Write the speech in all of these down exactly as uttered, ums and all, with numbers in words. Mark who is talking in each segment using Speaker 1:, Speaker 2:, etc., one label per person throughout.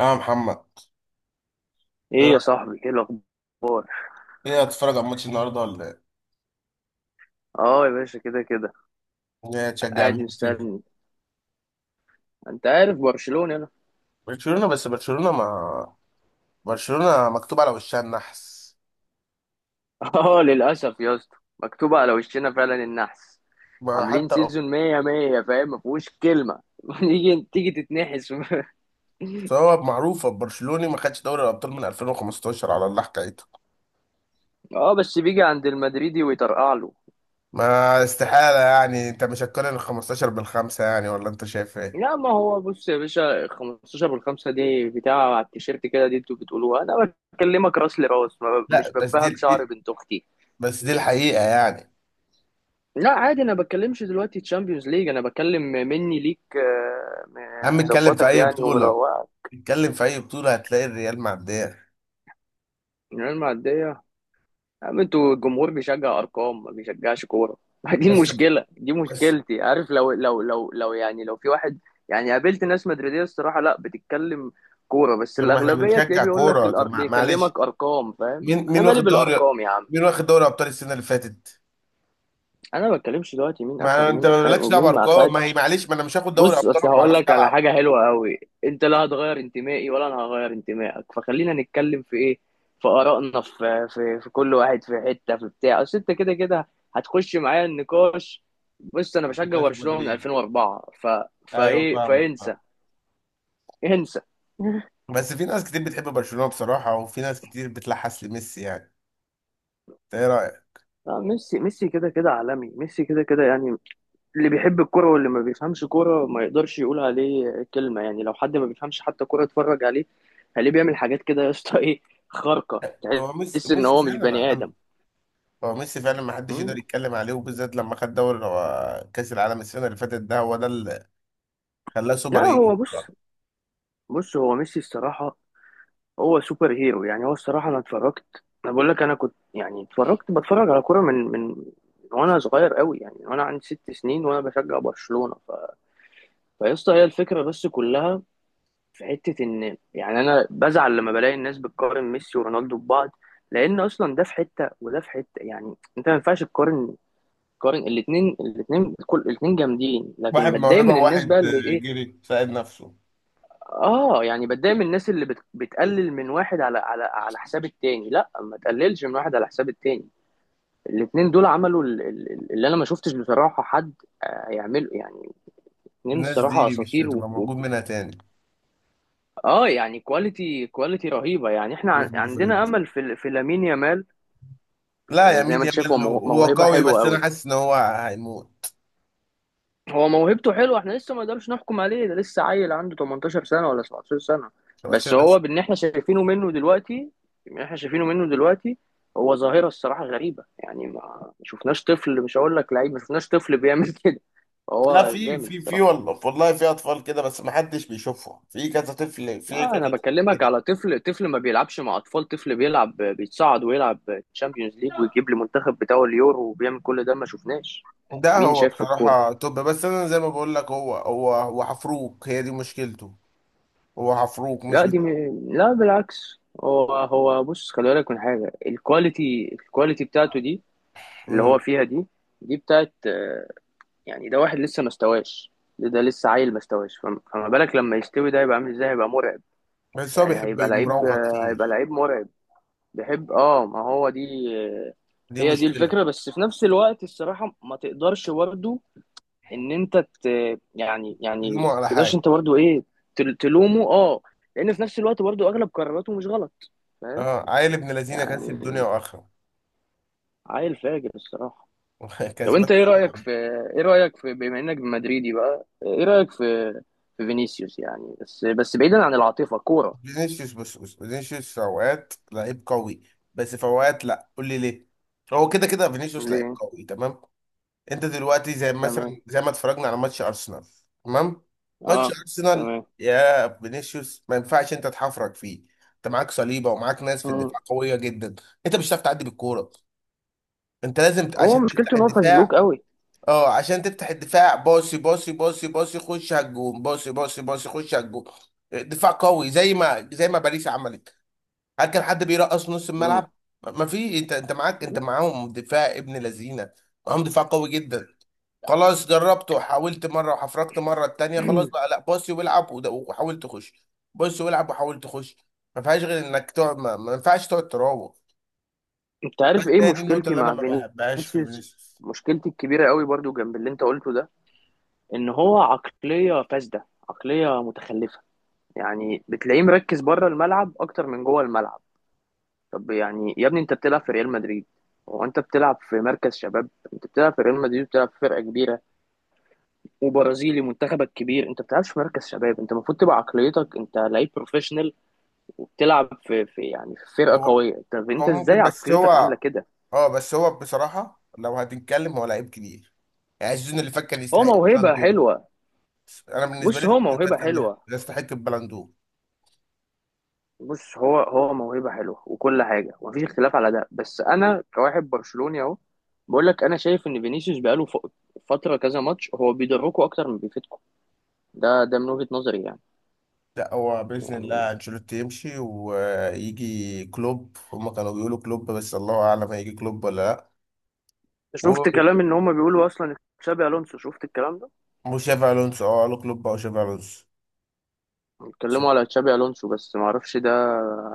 Speaker 1: يا محمد، ايه
Speaker 2: ايه يا
Speaker 1: رأيك؟
Speaker 2: صاحبي، ايه الاخبار؟
Speaker 1: إيه، هتتفرج على ماتش النهارده ولا ايه؟
Speaker 2: اه يا باشا، كده كده.
Speaker 1: إيه، تشجع
Speaker 2: قاعد
Speaker 1: مين كده؟
Speaker 2: مستني. انت عارف برشلونة انا.
Speaker 1: برشلونة بس برشلونة ما... برشلونة مكتوب على وشها النحس.
Speaker 2: اه للاسف يا اسطى، مكتوبة على وشنا فعلا النحس.
Speaker 1: ما
Speaker 2: عاملين
Speaker 1: حتى...
Speaker 2: سيزون مية مية فاهم، ما فيهوش كلمة. تيجي تيجي تتنحس.
Speaker 1: سواء معروفة، برشلوني ما خدش دوري الأبطال من ألفين وخمسة عشر، على الله حكايته.
Speaker 2: اه بس بيجي عند المدريدي ويطرقع له.
Speaker 1: ما استحالة يعني، انت مش هتقارن ال الخمستاشر بالخمسة يعني؟ ولا انت شايف ايه؟
Speaker 2: لا ما هو بص يا باشا، خمسة عشر بالخمسة دي بتاع على التيشيرت كده، دي انتوا بتقولوها. انا بكلمك راس لراس، ما ب-
Speaker 1: لا
Speaker 2: مش
Speaker 1: بس
Speaker 2: ببها
Speaker 1: دي,
Speaker 2: بشعر
Speaker 1: دي
Speaker 2: بنت اختي.
Speaker 1: بس دي الحقيقة يعني.
Speaker 2: لا عادي، انا بتكلمش دلوقتي تشامبيونز ليج، انا بتكلم مني ليك. آه،
Speaker 1: يا
Speaker 2: م-
Speaker 1: عم اتكلم في
Speaker 2: مظبطك
Speaker 1: أي
Speaker 2: يعني
Speaker 1: بطولة،
Speaker 2: ومروقك.
Speaker 1: اتكلم في أي بطولة هتلاقي الريال معدية.
Speaker 2: الريال معديه يا عم، انتوا الجمهور بيشجع ارقام، ما بيشجعش كوره. دي
Speaker 1: بس،
Speaker 2: المشكله، دي
Speaker 1: بس...
Speaker 2: مشكلتي، عارف؟ لو لو لو لو يعني لو في واحد. يعني قابلت ناس مدريديه الصراحه لا، بتتكلم كوره، بس
Speaker 1: طب ما احنا
Speaker 2: الاغلبيه تلاقيه
Speaker 1: بنشجع
Speaker 2: بيقول لك
Speaker 1: كورة، طب
Speaker 2: الأر...
Speaker 1: مع- معلش،
Speaker 2: بيكلمك ارقام، فاهم؟
Speaker 1: مين
Speaker 2: انا
Speaker 1: مين
Speaker 2: مالي
Speaker 1: واخد دوري،
Speaker 2: بالارقام يا عم.
Speaker 1: مين واخد دوري ابطال السنه اللي فاتت؟
Speaker 2: انا ما بتكلمش دلوقتي مين اخد
Speaker 1: ما انت
Speaker 2: ومين اخد
Speaker 1: مالكش دعوه
Speaker 2: ومين ما
Speaker 1: بارقام، ما هي
Speaker 2: اخدش.
Speaker 1: معلش، ما انا مش هاخد دوري
Speaker 2: بص
Speaker 1: ابطال
Speaker 2: اصل
Speaker 1: وانا ما
Speaker 2: هقول
Speaker 1: بعرفش
Speaker 2: لك على
Speaker 1: العب.
Speaker 2: حاجه حلوه قوي، انت لا هتغير انتمائي ولا انا هغير انتمائك، فخلينا نتكلم في ايه؟ في ارائنا، في في في كل واحد في حته في بتاع، اصل انت كده كده هتخش معايا النقاش. بص انا
Speaker 1: ما
Speaker 2: بشجع
Speaker 1: كانش
Speaker 2: برشلونه من
Speaker 1: مدريد.
Speaker 2: الفين واربعة، ف
Speaker 1: ايوه،
Speaker 2: فايه
Speaker 1: فاهمك
Speaker 2: فانسى
Speaker 1: فاهمك.
Speaker 2: انسى.
Speaker 1: بس في ناس كتير بتحب برشلونه بصراحه، وفي ناس كتير بتلحس لميسي يعني. انت ايه رايك؟
Speaker 2: آه، ميسي، ميسي كده كده عالمي، ميسي كده كده يعني. اللي بيحب الكرة واللي ما بيفهمش كرة ما يقدرش يقول عليه كلمة. يعني لو حد ما بيفهمش حتى كرة، اتفرج عليه. هليه بيعمل حاجات كده يا اسطى، ايه، خارقة.
Speaker 1: هو ميسي
Speaker 2: تحس ان
Speaker 1: ميسي
Speaker 2: هو مش
Speaker 1: فعلا
Speaker 2: بني
Speaker 1: عالمي.
Speaker 2: آدم.
Speaker 1: هو ميسي فعلا ما حدش
Speaker 2: مم.
Speaker 1: يقدر يتكلم عليه، وبالذات لما خد دوري هو كاس العالم السنه اللي فاتت، ده هو ده اللي خلاه
Speaker 2: لا
Speaker 1: سوبر هيرو
Speaker 2: هو بص،
Speaker 1: بصراحه.
Speaker 2: بص هو ميسي الصراحة هو سوبر هيرو. يعني هو الصراحة انا اتفرجت، انا بقول لك انا كنت يعني اتفرجت بتفرج على كرة من من وانا صغير قوي. يعني وانا عندي ست سنين وانا بشجع برشلونة ف... فيا اسطى هي الفكرة بس كلها. في حتة، إن يعني أنا بزعل لما بلاقي الناس بتقارن ميسي ورونالدو ببعض، لأن أصلا ده في حتة وده في حتة. يعني أنت ما ينفعش تقارن تقارن الاتنين الاتنين كل الاتنين جامدين. لكن
Speaker 1: واحد
Speaker 2: بتضايق
Speaker 1: موهبه،
Speaker 2: من الناس
Speaker 1: وواحد
Speaker 2: بقى اللي إيه،
Speaker 1: جري ساعد نفسه.
Speaker 2: آه يعني بتضايق من الناس اللي بت بتقلل من واحد على على على حساب التاني. لا ما تقللش من واحد على حساب التاني، الاتنين دول عملوا ال- ال- اللي أنا ما شفتش بصراحة حد آه، يعمله يعني. اتنين
Speaker 1: الناس
Speaker 2: الصراحة
Speaker 1: دي مش
Speaker 2: أساطير
Speaker 1: هتبقى
Speaker 2: و-
Speaker 1: موجود منها
Speaker 2: اه. يعني كواليتي كواليتي رهيبه. يعني احنا عن-
Speaker 1: تاني.
Speaker 2: عندنا امل في في لامين يامال.
Speaker 1: لا،
Speaker 2: آه، زي ما
Speaker 1: يميل،
Speaker 2: انت شايف،
Speaker 1: يميل
Speaker 2: هو
Speaker 1: له،
Speaker 2: مو-
Speaker 1: هو
Speaker 2: موهبه
Speaker 1: قوي
Speaker 2: حلوه
Speaker 1: بس انا
Speaker 2: قوي.
Speaker 1: حاسس ان هو هيموت.
Speaker 2: هو موهبته حلوه، احنا لسه ما نقدرش نحكم عليه، ده لسه عيل، عنده تمنتاشر سنه ولا سبعة عشر سنه. بس
Speaker 1: عشان
Speaker 2: هو
Speaker 1: بس...
Speaker 2: باللي احنا شايفينه منه دلوقتي، اللي احنا شايفينه منه دلوقتي، هو ظاهره الصراحه غريبه. يعني ما ما شفناش طفل، مش هقول لك لعيب، ما شفناش طفل بيعمل كده.
Speaker 1: لا،
Speaker 2: هو
Speaker 1: في
Speaker 2: جامد
Speaker 1: في في
Speaker 2: الصراحه.
Speaker 1: والله والله، في اطفال كده، بس ما حدش بيشوفهم، في كذا طفل، في
Speaker 2: لا
Speaker 1: كذا
Speaker 2: انا
Speaker 1: طفل
Speaker 2: بكلمك
Speaker 1: كده.
Speaker 2: على طفل، طفل ما بيلعبش مع اطفال، طفل بيلعب بيتصعد ويلعب تشامبيونز ليج ويجيب المنتخب بتاعه اليورو وبيعمل كل ده. ما شفناش
Speaker 1: ده
Speaker 2: مين
Speaker 1: هو
Speaker 2: شاف في الكوره.
Speaker 1: بصراحة. طب بس انا زي ما بقول لك، هو هو هو حفروك، هي دي مشكلته. هو حفروك مش
Speaker 2: لا
Speaker 1: بت...
Speaker 2: دي م... لا بالعكس، هو هو بص، خلي بالك من حاجه، الكواليتي، الكواليتي بتاعته دي اللي
Speaker 1: مم.
Speaker 2: هو فيها دي دي بتاعت آه، يعني ده واحد لسه ما استواش. ده, ده لسه عيل ما استواش، فم- فما بالك لما يستوي، ده هيبقى عامل ازاي، هيبقى مرعب.
Speaker 1: بس هو
Speaker 2: يعني
Speaker 1: بيحب
Speaker 2: هيبقى لعيب،
Speaker 1: مراوغة
Speaker 2: آه، هيبقى
Speaker 1: كتير.
Speaker 2: لعيب مرعب. بيحب، اه، ما هو دي
Speaker 1: دي
Speaker 2: هي دي
Speaker 1: مشكلة.
Speaker 2: الفكرة. بس في نفس الوقت الصراحة ما تقدرش برضه ان انت ت... يعني يعني ما
Speaker 1: لومه على
Speaker 2: تقدرش
Speaker 1: حاجة.
Speaker 2: انت برضه ايه، تل- تلومه، اه. لان في نفس الوقت برضه اغلب قراراته مش غلط، فاهم
Speaker 1: اه، عيل ابن لذينه
Speaker 2: يعني.
Speaker 1: كسب دنيا واخرة.
Speaker 2: عيل فاجر الصراحة. طب
Speaker 1: كسبان.
Speaker 2: انت ايه رأيك في، ايه رأيك في، بما انك مدريدي بقى ايه رأيك في في فينيسيوس؟ يعني بس بس بعيدا عن العاطفة، كورة؟
Speaker 1: فينيسيوس، بص بص، فينيسيوس في اوقات لعيب قوي، بس في اوقات لا، قول لي ليه. هو كده كده فينيسيوس لعيب
Speaker 2: ليه؟
Speaker 1: قوي، تمام. انت دلوقتي زي مثلا
Speaker 2: تمام.
Speaker 1: زي ما اتفرجنا على ماتش ارسنال، تمام. ماتش
Speaker 2: اه.
Speaker 1: ارسنال،
Speaker 2: تمام.
Speaker 1: يا فينيسيوس ما ينفعش انت تحفرك فيه. انت معاك صليبه، ومعاك ناس في
Speaker 2: مم.
Speaker 1: الدفاع قويه جدا. انت مش هتعرف تعدي بالكوره. انت لازم ت-
Speaker 2: هو
Speaker 1: عشان تفتح
Speaker 2: مشكلته ان هو فزلوك
Speaker 1: الدفاع.
Speaker 2: قوي.
Speaker 1: اه، عشان تفتح الدفاع باصي باصي باصي باصي، خش على الجون، باصي باصي باصي، خش على الجون. دفاع قوي زي ما زي ما باريس عملت. هل كان حد بيرقص في نص
Speaker 2: مم.
Speaker 1: الملعب؟ ما في، انت انت معاك، انت معاهم دفاع ابن لذينه، معاهم دفاع قوي جدا. خلاص، جربت وحاولت مره، وحفركت مره التانيه، خلاص بقى لا باصي والعب، وده- وحاول تخش، باصي والعب وحاول تخش. ما فيهاش غير انك تقعد، ما, ما ينفعش تقعد تراوغ.
Speaker 2: انت عارف ايه
Speaker 1: هي دي النقطه
Speaker 2: مشكلتي
Speaker 1: اللي انا
Speaker 2: مع
Speaker 1: ما بحبهاش في
Speaker 2: فينيسيوس؟
Speaker 1: فينيسيوس.
Speaker 2: مشكلتي الكبيره قوي برضو جنب اللي انت قلته ده، ان هو عقليه فاسده، عقليه متخلفه. يعني بتلاقيه مركز بره الملعب اكتر من جوه الملعب. طب يعني يا ابني، انت بتلعب في ريال مدريد، وانت بتلعب في مركز شباب؟ انت بتلعب في ريال مدريد، بتلعب في فرقه كبيره، وبرازيلي، منتخبك كبير، انت بتلعبش في مركز شباب. انت المفروض تبقى عقليتك انت لعيب بروفيشنال، وبتلعب في, في يعني في فرقه
Speaker 1: هو
Speaker 2: قويه. طب
Speaker 1: هو
Speaker 2: انت ازاي
Speaker 1: ممكن بس
Speaker 2: عقليتك عامله
Speaker 1: هو...
Speaker 2: كده؟
Speaker 1: اه، بس هو بصراحه لو هتتكلم هو لعيب كبير. يعني السيزون اللي فات كان
Speaker 2: هو
Speaker 1: يستحق
Speaker 2: موهبه
Speaker 1: البلندور.
Speaker 2: حلوه.
Speaker 1: انا بالنسبه لي
Speaker 2: بص هو
Speaker 1: السيزون اللي فات
Speaker 2: موهبة
Speaker 1: كان
Speaker 2: حلوة.
Speaker 1: يستحق البلندور.
Speaker 2: بص هو هو موهبة حلوة وكل حاجة، ومفيش اختلاف على ده، بس أنا كواحد برشلوني أهو بقول لك أنا شايف إن فينيسيوس بقاله ف- فترة كذا ماتش هو بيضركوا أكتر من بيفيدكوا. ده ده من وجهة نظري يعني.
Speaker 1: لا، هو بإذن
Speaker 2: يعني
Speaker 1: الله أنشيلوتي يمشي ويجي كلوب. هما كانوا بيقولوا كلوب بس الله أعلم هيجي كلوب ولا لأ.
Speaker 2: شفت
Speaker 1: و-
Speaker 2: كلام إن هما بيقولوا أصلا تشابي ألونسو؟ شفت الكلام ده؟
Speaker 1: وشافي ألونسو، أه، قالوا كلوب أو شافي ألونسو. بس
Speaker 2: بيتكلموا على تشابي ألونسو، بس معرفش ده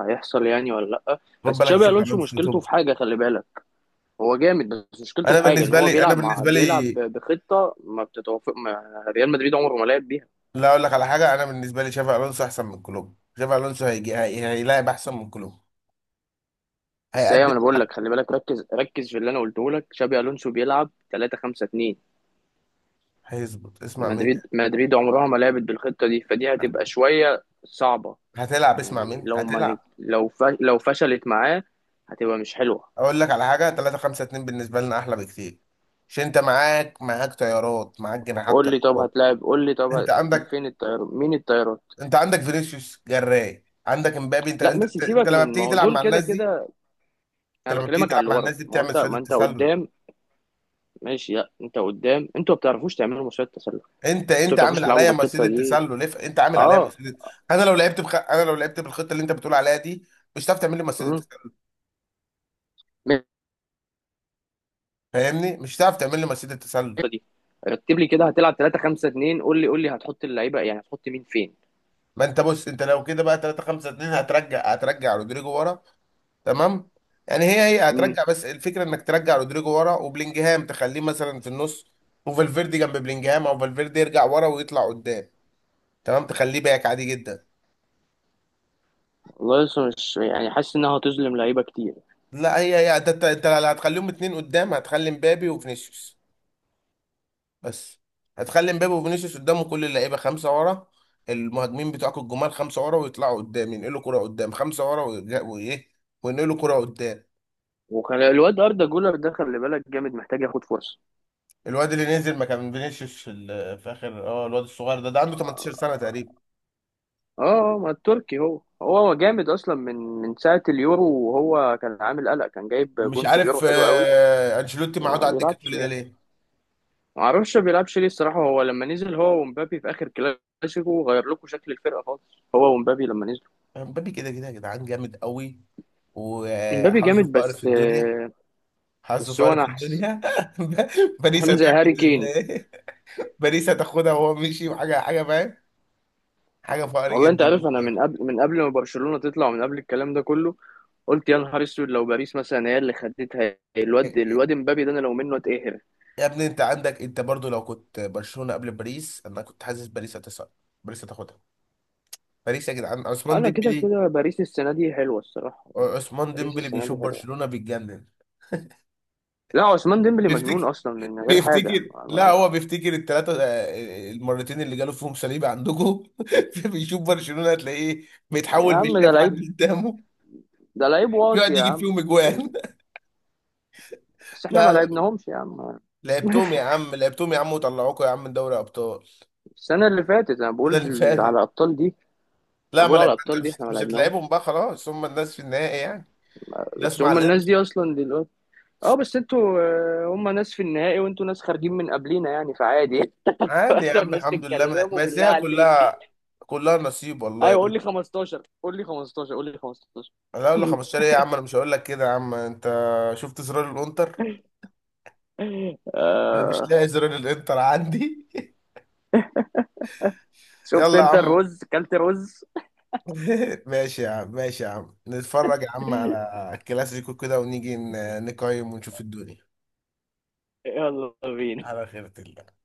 Speaker 2: هيحصل يعني ولا لأ.
Speaker 1: خد
Speaker 2: بس
Speaker 1: بالك،
Speaker 2: تشابي
Speaker 1: شافي
Speaker 2: ألونسو
Speaker 1: ألونسو توب.
Speaker 2: مشكلته في حاجة، خلي بالك، هو جامد بس مشكلته
Speaker 1: أنا
Speaker 2: في حاجة إن
Speaker 1: بالنسبة
Speaker 2: هو
Speaker 1: لي أنا
Speaker 2: بيلعب مع،
Speaker 1: بالنسبة لي،
Speaker 2: بيلعب بخطة ما بتتوافق، ما ريال مدريد عمره ما لعب بيها.
Speaker 1: لا أقول لك على حاجة، أنا بالنسبة لي شافي ألونسو أحسن من كلوب. شافي ألونسو هيجي هي... هيلاعب أحسن من كلوب،
Speaker 2: بس ايوه،
Speaker 1: هيقدم
Speaker 2: ما انا بقول
Speaker 1: لك،
Speaker 2: لك، خلي بالك، ركز ركز في اللي انا قلته لك، شابي الونسو بيلعب ثلاثة خمسة اتنين.
Speaker 1: هيظبط، اسمع مني
Speaker 2: مدريد مدريد عمرها ما لعبت بالخطه دي، فدي هتبقى شويه صعبه.
Speaker 1: هتلعب، اسمع
Speaker 2: يعني
Speaker 1: مني
Speaker 2: لو ما نج...
Speaker 1: هتلعب.
Speaker 2: لو ف... لو فشلت معاه هتبقى مش حلوه.
Speaker 1: أقول لك على حاجة، ثلاثة خمسة اتنين بالنسبة لنا أحلى بكتير. عشان أنت معاك، معاك طيارات، معاك جناحات،
Speaker 2: قول لي، طب
Speaker 1: طيارات.
Speaker 2: هتلاعب؟ قول لي طب ه...
Speaker 1: انت عندك،
Speaker 2: فين الطيار؟ مين الطيارات؟
Speaker 1: انت عندك فينيسيوس، جراي، عندك امبابي. انت
Speaker 2: لا ميسي
Speaker 1: انت انت
Speaker 2: سيبك،
Speaker 1: لما
Speaker 2: من ما
Speaker 1: بتيجي
Speaker 2: هو
Speaker 1: تلعب
Speaker 2: دول
Speaker 1: مع
Speaker 2: كده
Speaker 1: الناس دي،
Speaker 2: كده. انا
Speaker 1: انت لما بتيجي
Speaker 2: بكلمك على
Speaker 1: تلعب
Speaker 2: اللي
Speaker 1: مع
Speaker 2: ورا.
Speaker 1: الناس دي
Speaker 2: ما هو
Speaker 1: بتعمل
Speaker 2: انت،
Speaker 1: سيده
Speaker 2: ما انت
Speaker 1: تسلل.
Speaker 2: قدام. ماشي، لا انت قدام، انتوا ما بتعرفوش تعملوا مصيدة تسلل. انتوا
Speaker 1: انت
Speaker 2: ما
Speaker 1: انت
Speaker 2: بتعرفوش
Speaker 1: عامل
Speaker 2: تلعبوا
Speaker 1: عليا
Speaker 2: بالخطه
Speaker 1: مصيده
Speaker 2: دي.
Speaker 1: تسلل، اف- انت عامل عليا
Speaker 2: اه.
Speaker 1: مصيده. انا لو لعبت بخ... انا لو لعبت بالخطه اللي انت بتقول عليها دي، مش هتعرف تعمل لي مصيده
Speaker 2: مم.
Speaker 1: تسلل، فاهمني، مش هتعرف تعمل لي مصيده تسلل.
Speaker 2: الخطة دي، رتب لي كده هتلعب ثلاثة خمسة اثنين، قول لي قول لي هتحط اللعيبه يعني، هتحط مين فين؟
Speaker 1: ما انت بص، انت لو كده بقى ثلاثة خمسة اتنين، هترجع هترجع رودريجو ورا، تمام. يعني هي هي
Speaker 2: امم.
Speaker 1: هترجع، بس الفكره انك ترجع رودريجو ورا، وبلينجهام تخليه مثلا في النص، وفالفيردي جنب بلينجهام او فالفيردي يرجع ورا ويطلع قدام، تمام، تخليه باك عادي جدا.
Speaker 2: والله لسه مش يعني حاسس انها هتظلم لعيبه كتير.
Speaker 1: لا، هي هي انت انت أنت اللي هتخليهم اتنين قدام، هتخلي مبابي وفينيسيوس. بس هتخلي مبابي وفينيسيوس قدامه، كل اللعيبه خمسه ورا. المهاجمين بتوعك الجمال خمسه ورا، ويطلعوا قدام ينقلوا كره قدام، خمسه ورا، ويرجع- وايه، وينقلوا كره قدام.
Speaker 2: وكان الواد اردا جولر ده خلي بالك جامد، محتاج ياخد فرصه.
Speaker 1: الواد اللي نزل مكان فينيسيوس في ال- في اخر، اه الواد الصغير ده ده عنده تمنتاشر سنه
Speaker 2: اه.
Speaker 1: تقريبا.
Speaker 2: آه، ما التركي هو، هو جامد اصلا من من ساعه اليورو، وهو كان عامل قلق، كان جايب
Speaker 1: مش
Speaker 2: جون في اليورو
Speaker 1: عارف،
Speaker 2: حلو قوي.
Speaker 1: آه، انشيلوتي
Speaker 2: بس
Speaker 1: معاد
Speaker 2: ما
Speaker 1: على الدكه
Speaker 2: بيلعبش
Speaker 1: كل ده
Speaker 2: يعني،
Speaker 1: ليه؟
Speaker 2: ما اعرفش ما بيلعبش ليه الصراحه. هو لما نزل هو ومبابي في اخر كلاسيكو غير لكم شكل الفرقه خالص، هو ومبابي لما نزلوا.
Speaker 1: مبابي كده كده يا جدعان جامد قوي،
Speaker 2: مبابي
Speaker 1: وحظه
Speaker 2: جامد،
Speaker 1: فقر في
Speaker 2: بس
Speaker 1: الدنيا.
Speaker 2: آه،
Speaker 1: حظه
Speaker 2: بس هو
Speaker 1: فقر في
Speaker 2: نحس،
Speaker 1: الدنيا باريس
Speaker 2: عامل زي هاري
Speaker 1: هتاخد ال...
Speaker 2: كين.
Speaker 1: باريس هتاخدها وهو مشي، وحاجه حاجه، فاهم. حاجه فقر
Speaker 2: والله انت عارف
Speaker 1: جدا.
Speaker 2: انا من قبل من قبل ما برشلونة تطلع، ومن قبل الكلام ده كله، قلت يا نهار اسود لو باريس مثلا هي اللي خدتها. الواد، الواد امبابي ده، انا لو منه اتقهر.
Speaker 1: يا ابني انت عندك، انت برضو لو كنت برشلونه قبل باريس انا كنت حاسس باريس هتصعد، باريس هتاخدها. باريس يا جدعان، عثمان
Speaker 2: انا كده
Speaker 1: ديمبلي.
Speaker 2: كده باريس السنة دي حلوة الصراحة.
Speaker 1: عثمان
Speaker 2: باريس
Speaker 1: ديمبلي
Speaker 2: السنة
Speaker 1: بيشوف
Speaker 2: دي حلوة.
Speaker 1: برشلونه بيتجنن.
Speaker 2: لا عثمان ديمبلي مجنون
Speaker 1: تفتكر؟
Speaker 2: اصلا من غير حاجة.
Speaker 1: بيفتكر، لا، هو بيفتكر الثلاثة، المرتين اللي جاله فيهم صليب عندكم. بيشوف برشلونة، هتلاقيه
Speaker 2: يا
Speaker 1: بيتحول، مش
Speaker 2: عم ده
Speaker 1: شايف حد
Speaker 2: لعيب،
Speaker 1: قدامه،
Speaker 2: ده لعيب واطي
Speaker 1: بيقعد
Speaker 2: يا
Speaker 1: يجيب
Speaker 2: عم.
Speaker 1: فيهم اجوان.
Speaker 2: بس احنا ما
Speaker 1: لا، لا،
Speaker 2: لعبناهمش يا عم.
Speaker 1: لعبتهم يا عم، لعبتهم يا عم وطلعوكوا يا عم من دوري ابطال.
Speaker 2: السنة اللي فاتت، انا بقول
Speaker 1: ده اللي
Speaker 2: على
Speaker 1: فاتت.
Speaker 2: الابطال دي، انا
Speaker 1: لا، ما
Speaker 2: بقول على
Speaker 1: لعب.
Speaker 2: الابطال دي احنا ما
Speaker 1: مش
Speaker 2: لعبناهمش.
Speaker 1: هتلعبهم بقى، خلاص هم الناس في النهائي يعني، ناس
Speaker 2: بس
Speaker 1: مع
Speaker 2: هم الناس دي
Speaker 1: الانتر.
Speaker 2: اصلا دي. اه بس انتوا آه، هم ناس في النهائي وانتوا ناس خارجين من قبلينا يعني، فعادي.
Speaker 1: عادي يا
Speaker 2: اخر
Speaker 1: عم،
Speaker 2: ناس
Speaker 1: الحمد لله، ما
Speaker 2: تتكلموا
Speaker 1: ما
Speaker 2: بالله
Speaker 1: هي
Speaker 2: عليك!
Speaker 1: كلها، كلها نصيب والله يا
Speaker 2: ايوه، قول
Speaker 1: بيه.
Speaker 2: لي خمستاشر، قول لي خمستاشر، قول لي خمسة عشر.
Speaker 1: انا اقول لك خمستاشر ايه يا عم، انا مش هقول لك كده يا عم. انت شفت زرار الانتر؟ انا مش
Speaker 2: آه.
Speaker 1: لاقي زرار الانتر عندي.
Speaker 2: شفت
Speaker 1: يلا يا
Speaker 2: انت
Speaker 1: عم.
Speaker 2: الرز؟ كلت رز؟
Speaker 1: ماشي يا عم، ماشي يا عم، نتفرج يا عم على الكلاسيكو كده ونيجي ن- نقيم ونشوف الدنيا،
Speaker 2: يلا بينا.
Speaker 1: على خيرة الله.